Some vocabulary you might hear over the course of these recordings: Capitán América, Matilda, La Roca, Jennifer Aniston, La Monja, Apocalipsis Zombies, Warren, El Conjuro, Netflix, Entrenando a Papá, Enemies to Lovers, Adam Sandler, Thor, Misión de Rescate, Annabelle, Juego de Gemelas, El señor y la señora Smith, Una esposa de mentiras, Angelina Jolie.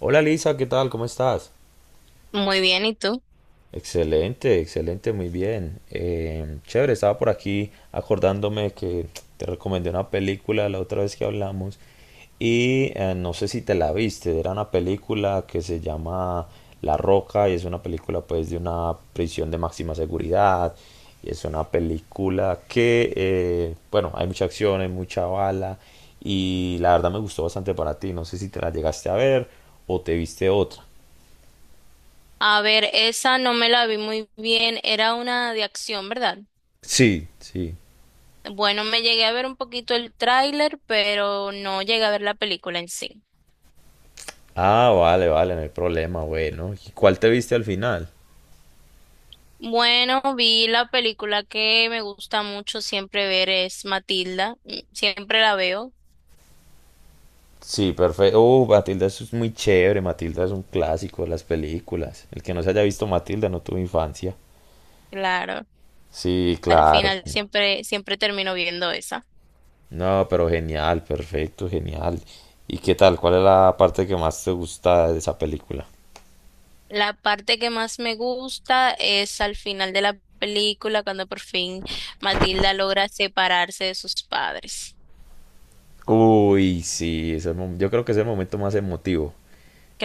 Hola Lisa, ¿qué tal? ¿Cómo estás? Muy bien, ¿y tú? Excelente, excelente, muy bien. Chévere, estaba por aquí acordándome que te recomendé una película la otra vez que hablamos y no sé si te la viste, era una película que se llama La Roca, y es una película pues de una prisión de máxima seguridad, y es una película que, bueno, hay mucha acción, hay mucha bala, y la verdad me gustó bastante para ti, no sé si te la llegaste a ver o te viste otra. A ver, esa no me la vi muy bien, era una de acción, ¿verdad? Sí, sí. Bueno, me llegué a ver un poquito el tráiler, pero no llegué a ver la película en sí. Ah, vale, vale, no hay problema, bueno. ¿Y cuál te viste al final? Bueno, vi la película que me gusta mucho siempre ver es Matilda, siempre la veo, Sí, perfecto. Matilda, eso es muy chévere. Matilda es un clásico de las películas. El que no se haya visto Matilda no tuvo infancia. claro, Sí, al claro. final siempre termino viendo esa. No, pero genial, perfecto, genial. ¿Y qué tal? ¿Cuál es la parte que más te gusta de esa película? La parte que más me gusta es al final de la película, cuando por fin Matilda logra separarse de sus padres. Uy, sí, yo creo que es el momento más emotivo.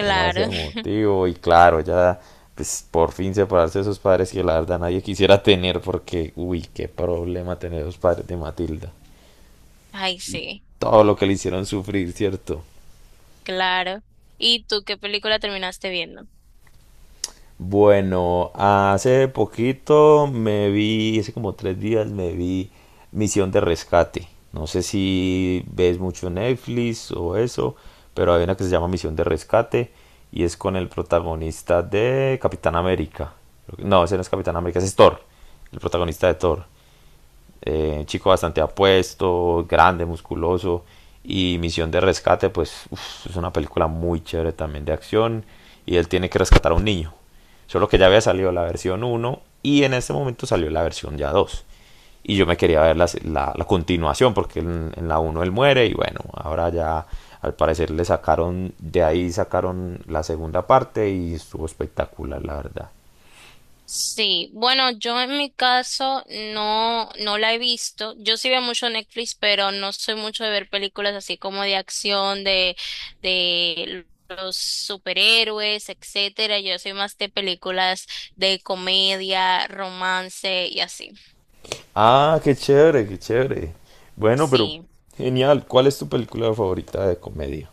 Es más emotivo y claro, ya pues por fin separarse de sus padres que la verdad nadie quisiera tener porque, uy, qué problema tener los padres de Matilda. Ay, sí, Todo lo que le hicieron sufrir, ¿cierto? claro. ¿Y tú qué película terminaste viendo? Bueno, hace poquito me vi, hace como 3 días me vi Misión de Rescate. No sé si ves mucho Netflix o eso, pero hay una que se llama Misión de Rescate y es con el protagonista de Capitán América. No, ese no es Capitán América, ese es Thor, el protagonista de Thor. Chico bastante apuesto, grande, musculoso. Y Misión de Rescate, pues uf, es una película muy chévere también de acción. Y él tiene que rescatar a un niño. Solo que ya había salido la versión uno y en este momento salió la versión ya dos. Y yo me quería ver la continuación porque en la uno él muere y bueno, ahora ya al parecer le sacaron, de ahí sacaron la segunda parte y estuvo espectacular la verdad. Sí, bueno, yo en mi caso no la he visto. Yo sí veo mucho Netflix, pero no soy mucho de ver películas así como de acción, de los superhéroes, etcétera. Yo soy más de películas de comedia, romance y así. Ah, qué chévere, qué chévere. Bueno, pero Sí. genial. ¿Cuál es tu película favorita de comedia?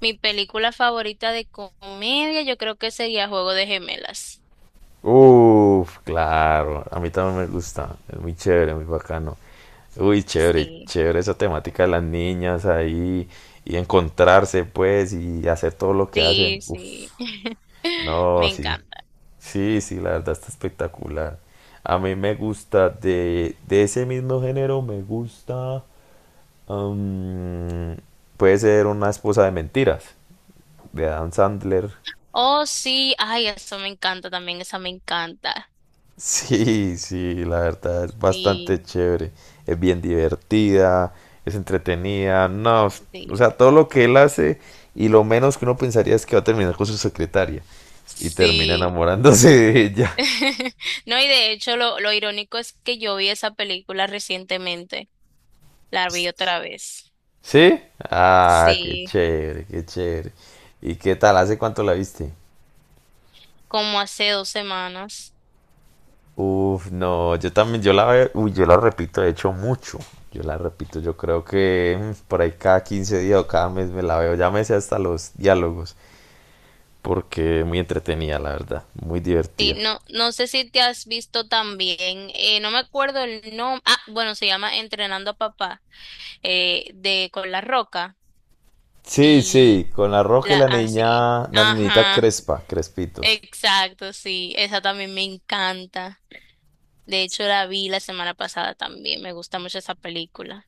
Mi película favorita de comedia yo creo que sería Juego de Gemelas. Uf, claro. A mí también me gusta. Es muy chévere, muy bacano. Uy, chévere, Sí. chévere esa temática de las niñas ahí y encontrarse, pues, y hacer todo lo que hacen. Sí, Uf, sí. Me no, sí. encanta. Sí, sí, la verdad está espectacular. A mí me gusta de ese mismo género, me gusta. am, Puede ser una esposa de mentiras. De Adam Sandler. Oh, sí. Ay, eso me encanta también. Esa me encanta. Sí, sí, la verdad es bastante Sí, chévere. Es bien divertida, es entretenida. No, o sí, sea, todo lo que él hace y lo menos que uno pensaría es que va a terminar con su secretaria y termina sí. enamorándose de ella. No, y de hecho, lo irónico es que yo vi esa película recientemente. La vi otra vez. ¿Sí? Ah, qué Sí, chévere, qué chévere. ¿Y qué tal? ¿Hace cuánto la viste? como hace 2 semanas. Uf, no, yo también, yo la, veo, uy, yo la repito, de hecho, mucho. Yo la repito, yo creo que por ahí cada 15 días o cada mes me la veo. Ya me sé hasta los diálogos, porque muy entretenida, la verdad, muy Sí, divertida. no, no sé si te has visto también. No me acuerdo el nombre. Ah, bueno, se llama Entrenando a Papá. De con La Roca. Sí, sí, Y con la Roja y la, la ah, sí. niña, la niñita Ajá. Crespa, Crespitos. Exacto, sí, esa también me encanta. De hecho, la vi la semana pasada también. Me gusta mucho esa película.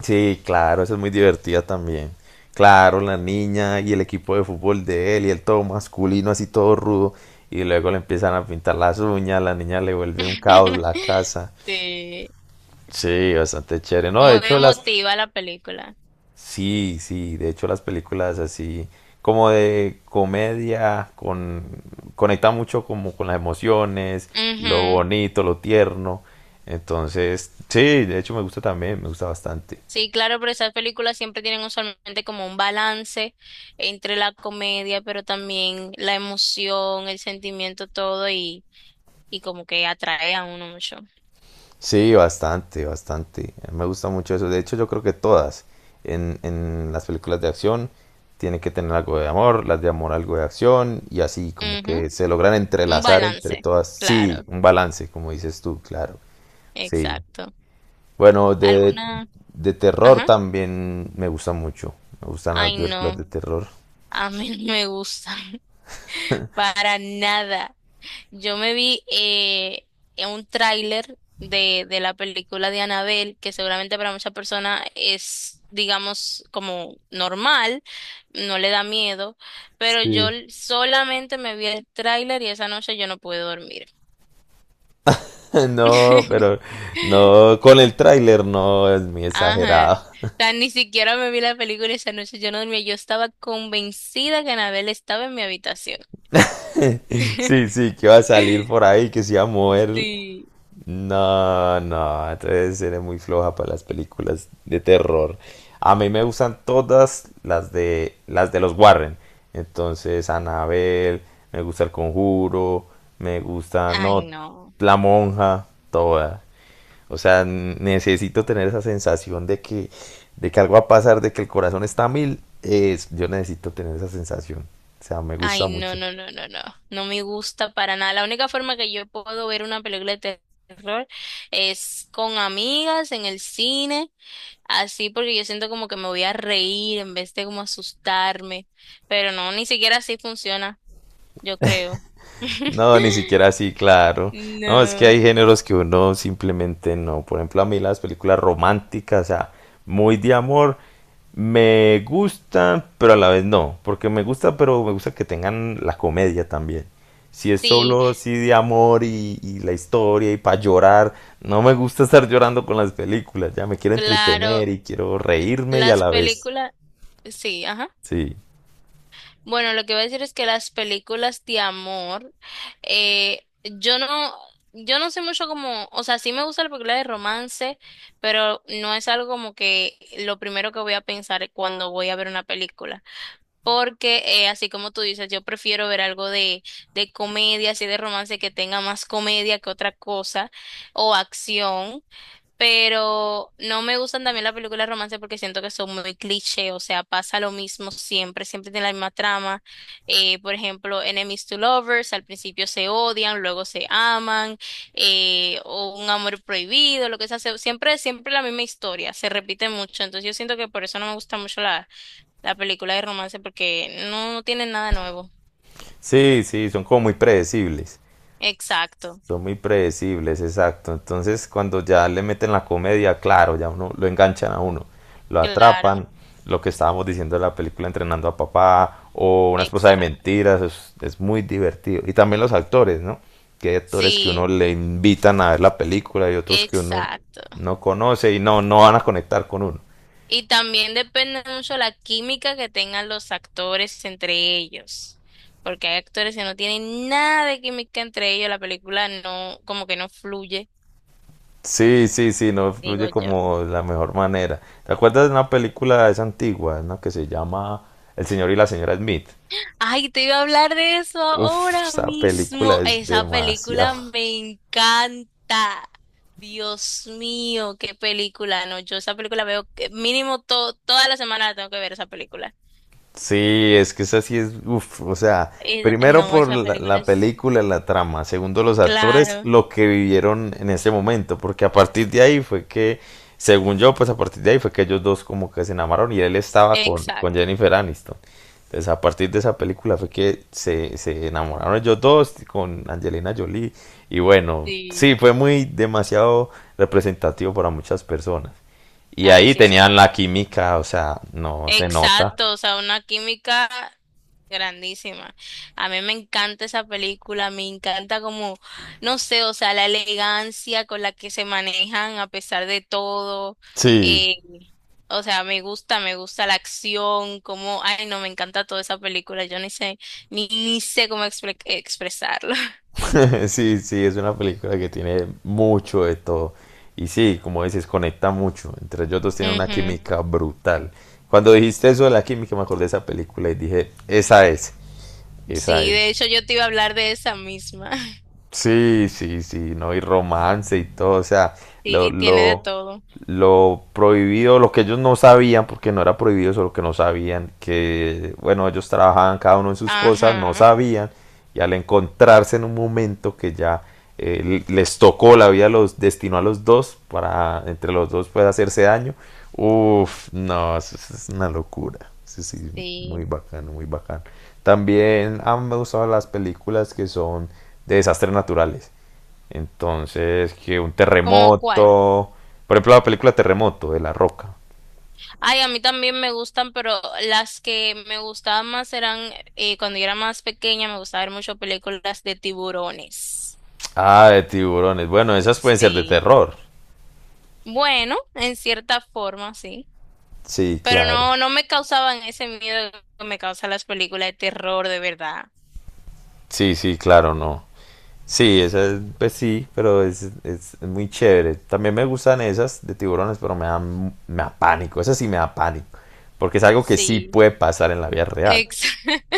Sí, claro, eso es muy divertida también. Claro, la niña y el equipo de fútbol de él y el todo masculino, así todo rudo. Y luego le empiezan a pintar las uñas, la niña le vuelve un caos la casa. Sí, Sí, bastante chévere. No, de muy hecho las... emotiva la película. Sí, sí, de hecho las películas así como de comedia con... conecta mucho como con las emociones, lo Ujú. bonito, lo tierno. Entonces, sí, de hecho me gusta también, me gusta bastante. Sí, claro, pero esas películas siempre tienen usualmente como un balance entre la comedia, pero también la emoción, el sentimiento, todo y como que atrae a uno mucho. Sí, bastante, bastante. A mí me gusta mucho eso. De hecho, yo creo que todas en las películas de acción tienen que tener algo de amor, las de amor algo de acción y así como que Ujú. se logran Un entrelazar entre balance, todas. Sí, claro, un balance, como dices tú, claro. Sí. exacto. Bueno, ¿Alguna? de terror Ajá. también me gusta mucho. Me gustan las Ay, películas no. de terror. A mí no me gusta para nada. Yo me vi en un tráiler de la película de Annabelle, que seguramente para muchas personas es, digamos, como normal, no le da miedo, pero yo Sí. Solamente me vi el tráiler y esa noche yo no pude dormir. No, pero no, con el tráiler no es muy Ajá. exagerado. O sea, ni siquiera me vi la película, esa noche yo no dormía. Yo estaba convencida que Annabelle estaba en mi habitación. Sí, sí, que va a salir por ahí, que se va a mover. Sí. No, no, entonces eres muy floja para las películas de terror. A mí me gustan todas las de los Warren. Entonces, Annabelle, me gusta El Conjuro, me gusta, Ay, no, no. La Monja, toda. O sea, necesito tener esa sensación de que algo va a pasar, de que el corazón está a mil. Es, yo necesito tener esa sensación. O sea, me Ay, gusta no, mucho. no, no, no, no. No me gusta para nada. La única forma que yo puedo ver una película de terror es con amigas en el cine, así porque yo siento como que me voy a reír en vez de como asustarme. Pero no, ni siquiera así funciona, yo creo. No, ni siquiera así, claro. No, es que No. hay géneros que uno simplemente no. Por ejemplo, a mí las películas románticas, o sea, muy de amor, me gustan, pero a la vez no. Porque me gusta, pero me gusta que tengan la comedia también. Si es Sí, solo así de amor y la historia y para llorar, no me gusta estar llorando con las películas. Ya me quiero claro. entretener y quiero reírme y a Las la vez. películas, sí, ajá. Sí, Bueno, lo que voy a decir es que las películas de amor, eh, yo no, yo no sé mucho como, o sea, sí me gusta la película de romance, pero no es algo como que lo primero que voy a pensar cuando voy a ver una película. Porque, así como tú dices, yo prefiero ver algo de comedia, así de romance que tenga más comedia que otra cosa, o acción, pero no me gustan también las películas de romance porque siento que son muy cliché, o sea, pasa lo mismo siempre, siempre tiene la misma trama. Por ejemplo, Enemies to Lovers, al principio se odian, luego se aman, o un amor prohibido, lo que sea, siempre, siempre la misma historia, se repite mucho, entonces yo siento que por eso no me gusta mucho la película de romance porque no, no tiene nada nuevo. sí, sí, son como muy predecibles. Exacto, Son muy predecibles, exacto. Entonces, cuando ya le meten la comedia, claro, ya uno lo enganchan a uno, lo claro, atrapan, lo que estábamos diciendo de la película Entrenando a Papá o Una esposa de exacto. mentiras, es muy divertido. Y también los actores, ¿no? Que hay actores que uno Sí, le invitan a ver la película y otros que uno exacto. no conoce y no, no van a conectar con uno. Y también depende mucho la química que tengan los actores entre ellos, porque hay actores que no tienen nada de química entre ellos, la película no, como que no fluye, Sí, sí, sí, no digo fluye yo. como de la mejor manera. ¿Te acuerdas de una película, es antigua, ¿no? que se llama El señor y la señora Smith? Ay, te iba a hablar de eso Uf, ahora esa película mismo. es Esa demasiado. película me encanta. Dios mío, qué película. No, yo esa película veo que mínimo toda la semana la tengo que ver esa película. Sí, es que esa sí es, uf, o sea, primero No, por esa película la es, película, la trama, segundo los actores, claro, lo que vivieron en ese momento, porque a partir de ahí fue que, según yo, pues a partir de ahí fue que ellos dos como que se enamoraron y él estaba con exacto. Jennifer Aniston. Entonces, a partir de esa película fue que se enamoraron ellos dos con Angelina Jolie. Y bueno, sí, Sí. fue muy demasiado representativo para muchas personas. Y Ay, ahí sí, esa. tenían la química, o sea, no se nota. Exacto, o sea, una química grandísima. A mí me encanta esa película, me encanta como, no sé, o sea, la elegancia con la que se manejan a pesar de todo. Sí, eh, o sea, me gusta la acción, como, ay, no, me encanta toda esa película, yo ni sé, ni sé cómo expresarlo. sí, sí, es una película que tiene mucho de todo. Y sí, como dices, conecta mucho. Entre ellos dos tienen una Ujú. química brutal. Cuando dijiste eso de la química, me acordé de esa película y dije, esa es, esa Sí, de es. hecho yo te iba a hablar de esa misma. Sí, sí, sí, no, y romance y todo, o sea, lo, Sí, tiene de lo, todo. lo prohibido, lo que ellos no sabían, porque no era prohibido, solo que no sabían, que bueno, ellos trabajaban cada uno en sus cosas, no Ajá, sabían, y al encontrarse en un momento que ya les tocó la vida, los destinó a los dos, para entre los dos puede hacerse daño, uff, no, eso es una locura, sí, sí, muy sí. bacano, muy bacano. También han gustado las películas que son de desastres naturales. Entonces, que un ¿Cómo cuál? terremoto, por ejemplo, la película Terremoto de La Roca. Ay, a mí también me gustan, pero las que me gustaban más eran, cuando yo era más pequeña, me gustaba ver mucho películas de tiburones. Ah, de tiburones. Bueno, esas pueden ser de Sí. terror. Bueno, en cierta forma, sí. Sí, Pero claro. no, no me causaban ese miedo que me causan las películas de terror, de verdad. Sí, sí, claro, no. Sí, esa es, pues sí, pero es muy chévere. También me gustan esas de tiburones, pero me dan, me da pánico. Esa sí me da pánico. Porque es algo que sí Sí. puede pasar en la vida real. Ex-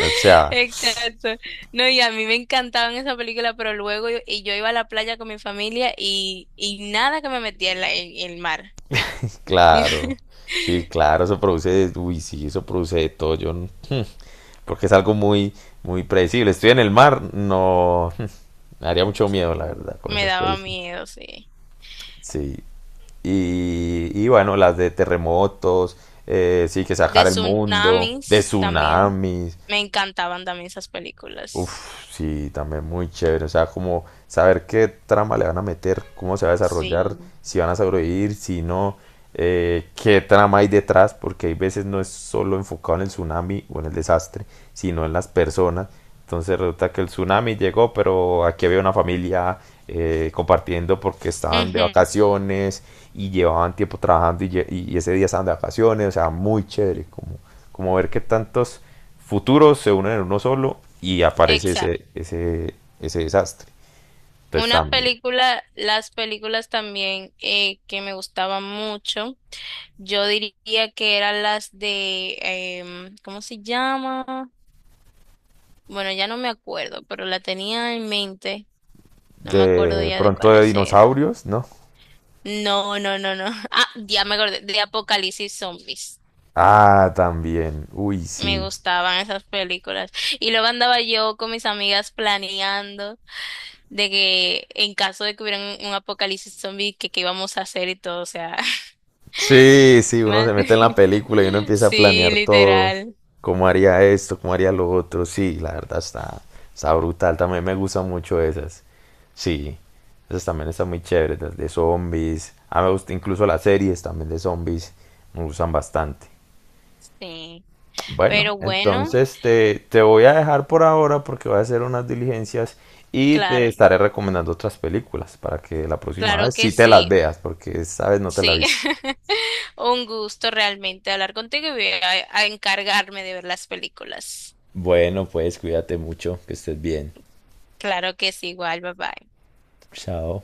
O sea, Exacto. No, y a mí me encantaban esas películas, pero luego yo, y yo iba a la playa con mi familia y nada que me metía en en el mar. claro. Sí, claro, eso produce, uy, sí, eso produce de todo. Yo, no- porque es algo muy, muy predecible. Estoy en el mar, no, me daría mucho miedo, la Mm, verdad, con me esas daba películas. miedo, sí. Sí. Y bueno, las de terremotos, sí, que De sacar el mundo, de tsunamis también. tsunamis. Me encantaban también esas películas. Uf, sí, también muy chévere. O sea, como saber qué trama le van a meter, cómo se va a desarrollar, Sí. si van a sobrevivir, si no, qué trama hay detrás, porque hay veces no es solo enfocado en el tsunami o en el desastre, sino en las personas. Entonces resulta que el tsunami llegó, pero aquí había una familia compartiendo porque estaban de Ujú, vacaciones y llevaban tiempo trabajando y ese día estaban de vacaciones. O sea, muy chévere, como, como ver qué tantos futuros se unen en uno solo y aparece exacto. Ese desastre. Entonces Una también. película, las películas también que me gustaban mucho, yo diría que eran las de, ¿cómo se llama? Bueno, ya no me acuerdo, pero la tenía en mente. No me acuerdo De ya de pronto de cuáles eran. dinosaurios, ¿no? No, no, no, no. Ah, ya me acordé, de Apocalipsis Zombies. Ah, también. Uy, Me sí. gustaban esas películas. Y luego andaba yo con mis amigas planeando de que en caso de que hubiera un apocalipsis zombie, que qué íbamos a hacer y todo. O sea, Sí, sí, uno se man- mete en la película y uno empieza a sí, planear todo. literal. ¿Cómo haría esto? ¿Cómo haría lo otro? Sí, la verdad está, está brutal. También me gustan mucho esas. Sí, esas también están muy chéveres, las de zombies. Ah, me gusta incluso las series también de zombies. Me gustan bastante. Sí. Bueno, Pero bueno, entonces te voy a dejar por ahora porque voy a hacer unas diligencias y te claro, estaré recomendando otras películas para que la próxima claro vez que sí te las sí, veas porque esta vez no te la sí. viste. Un gusto realmente hablar contigo y voy a encargarme de ver las películas. Bueno, pues cuídate mucho, que estés bien. Claro que sí, igual, bye bye. Chao.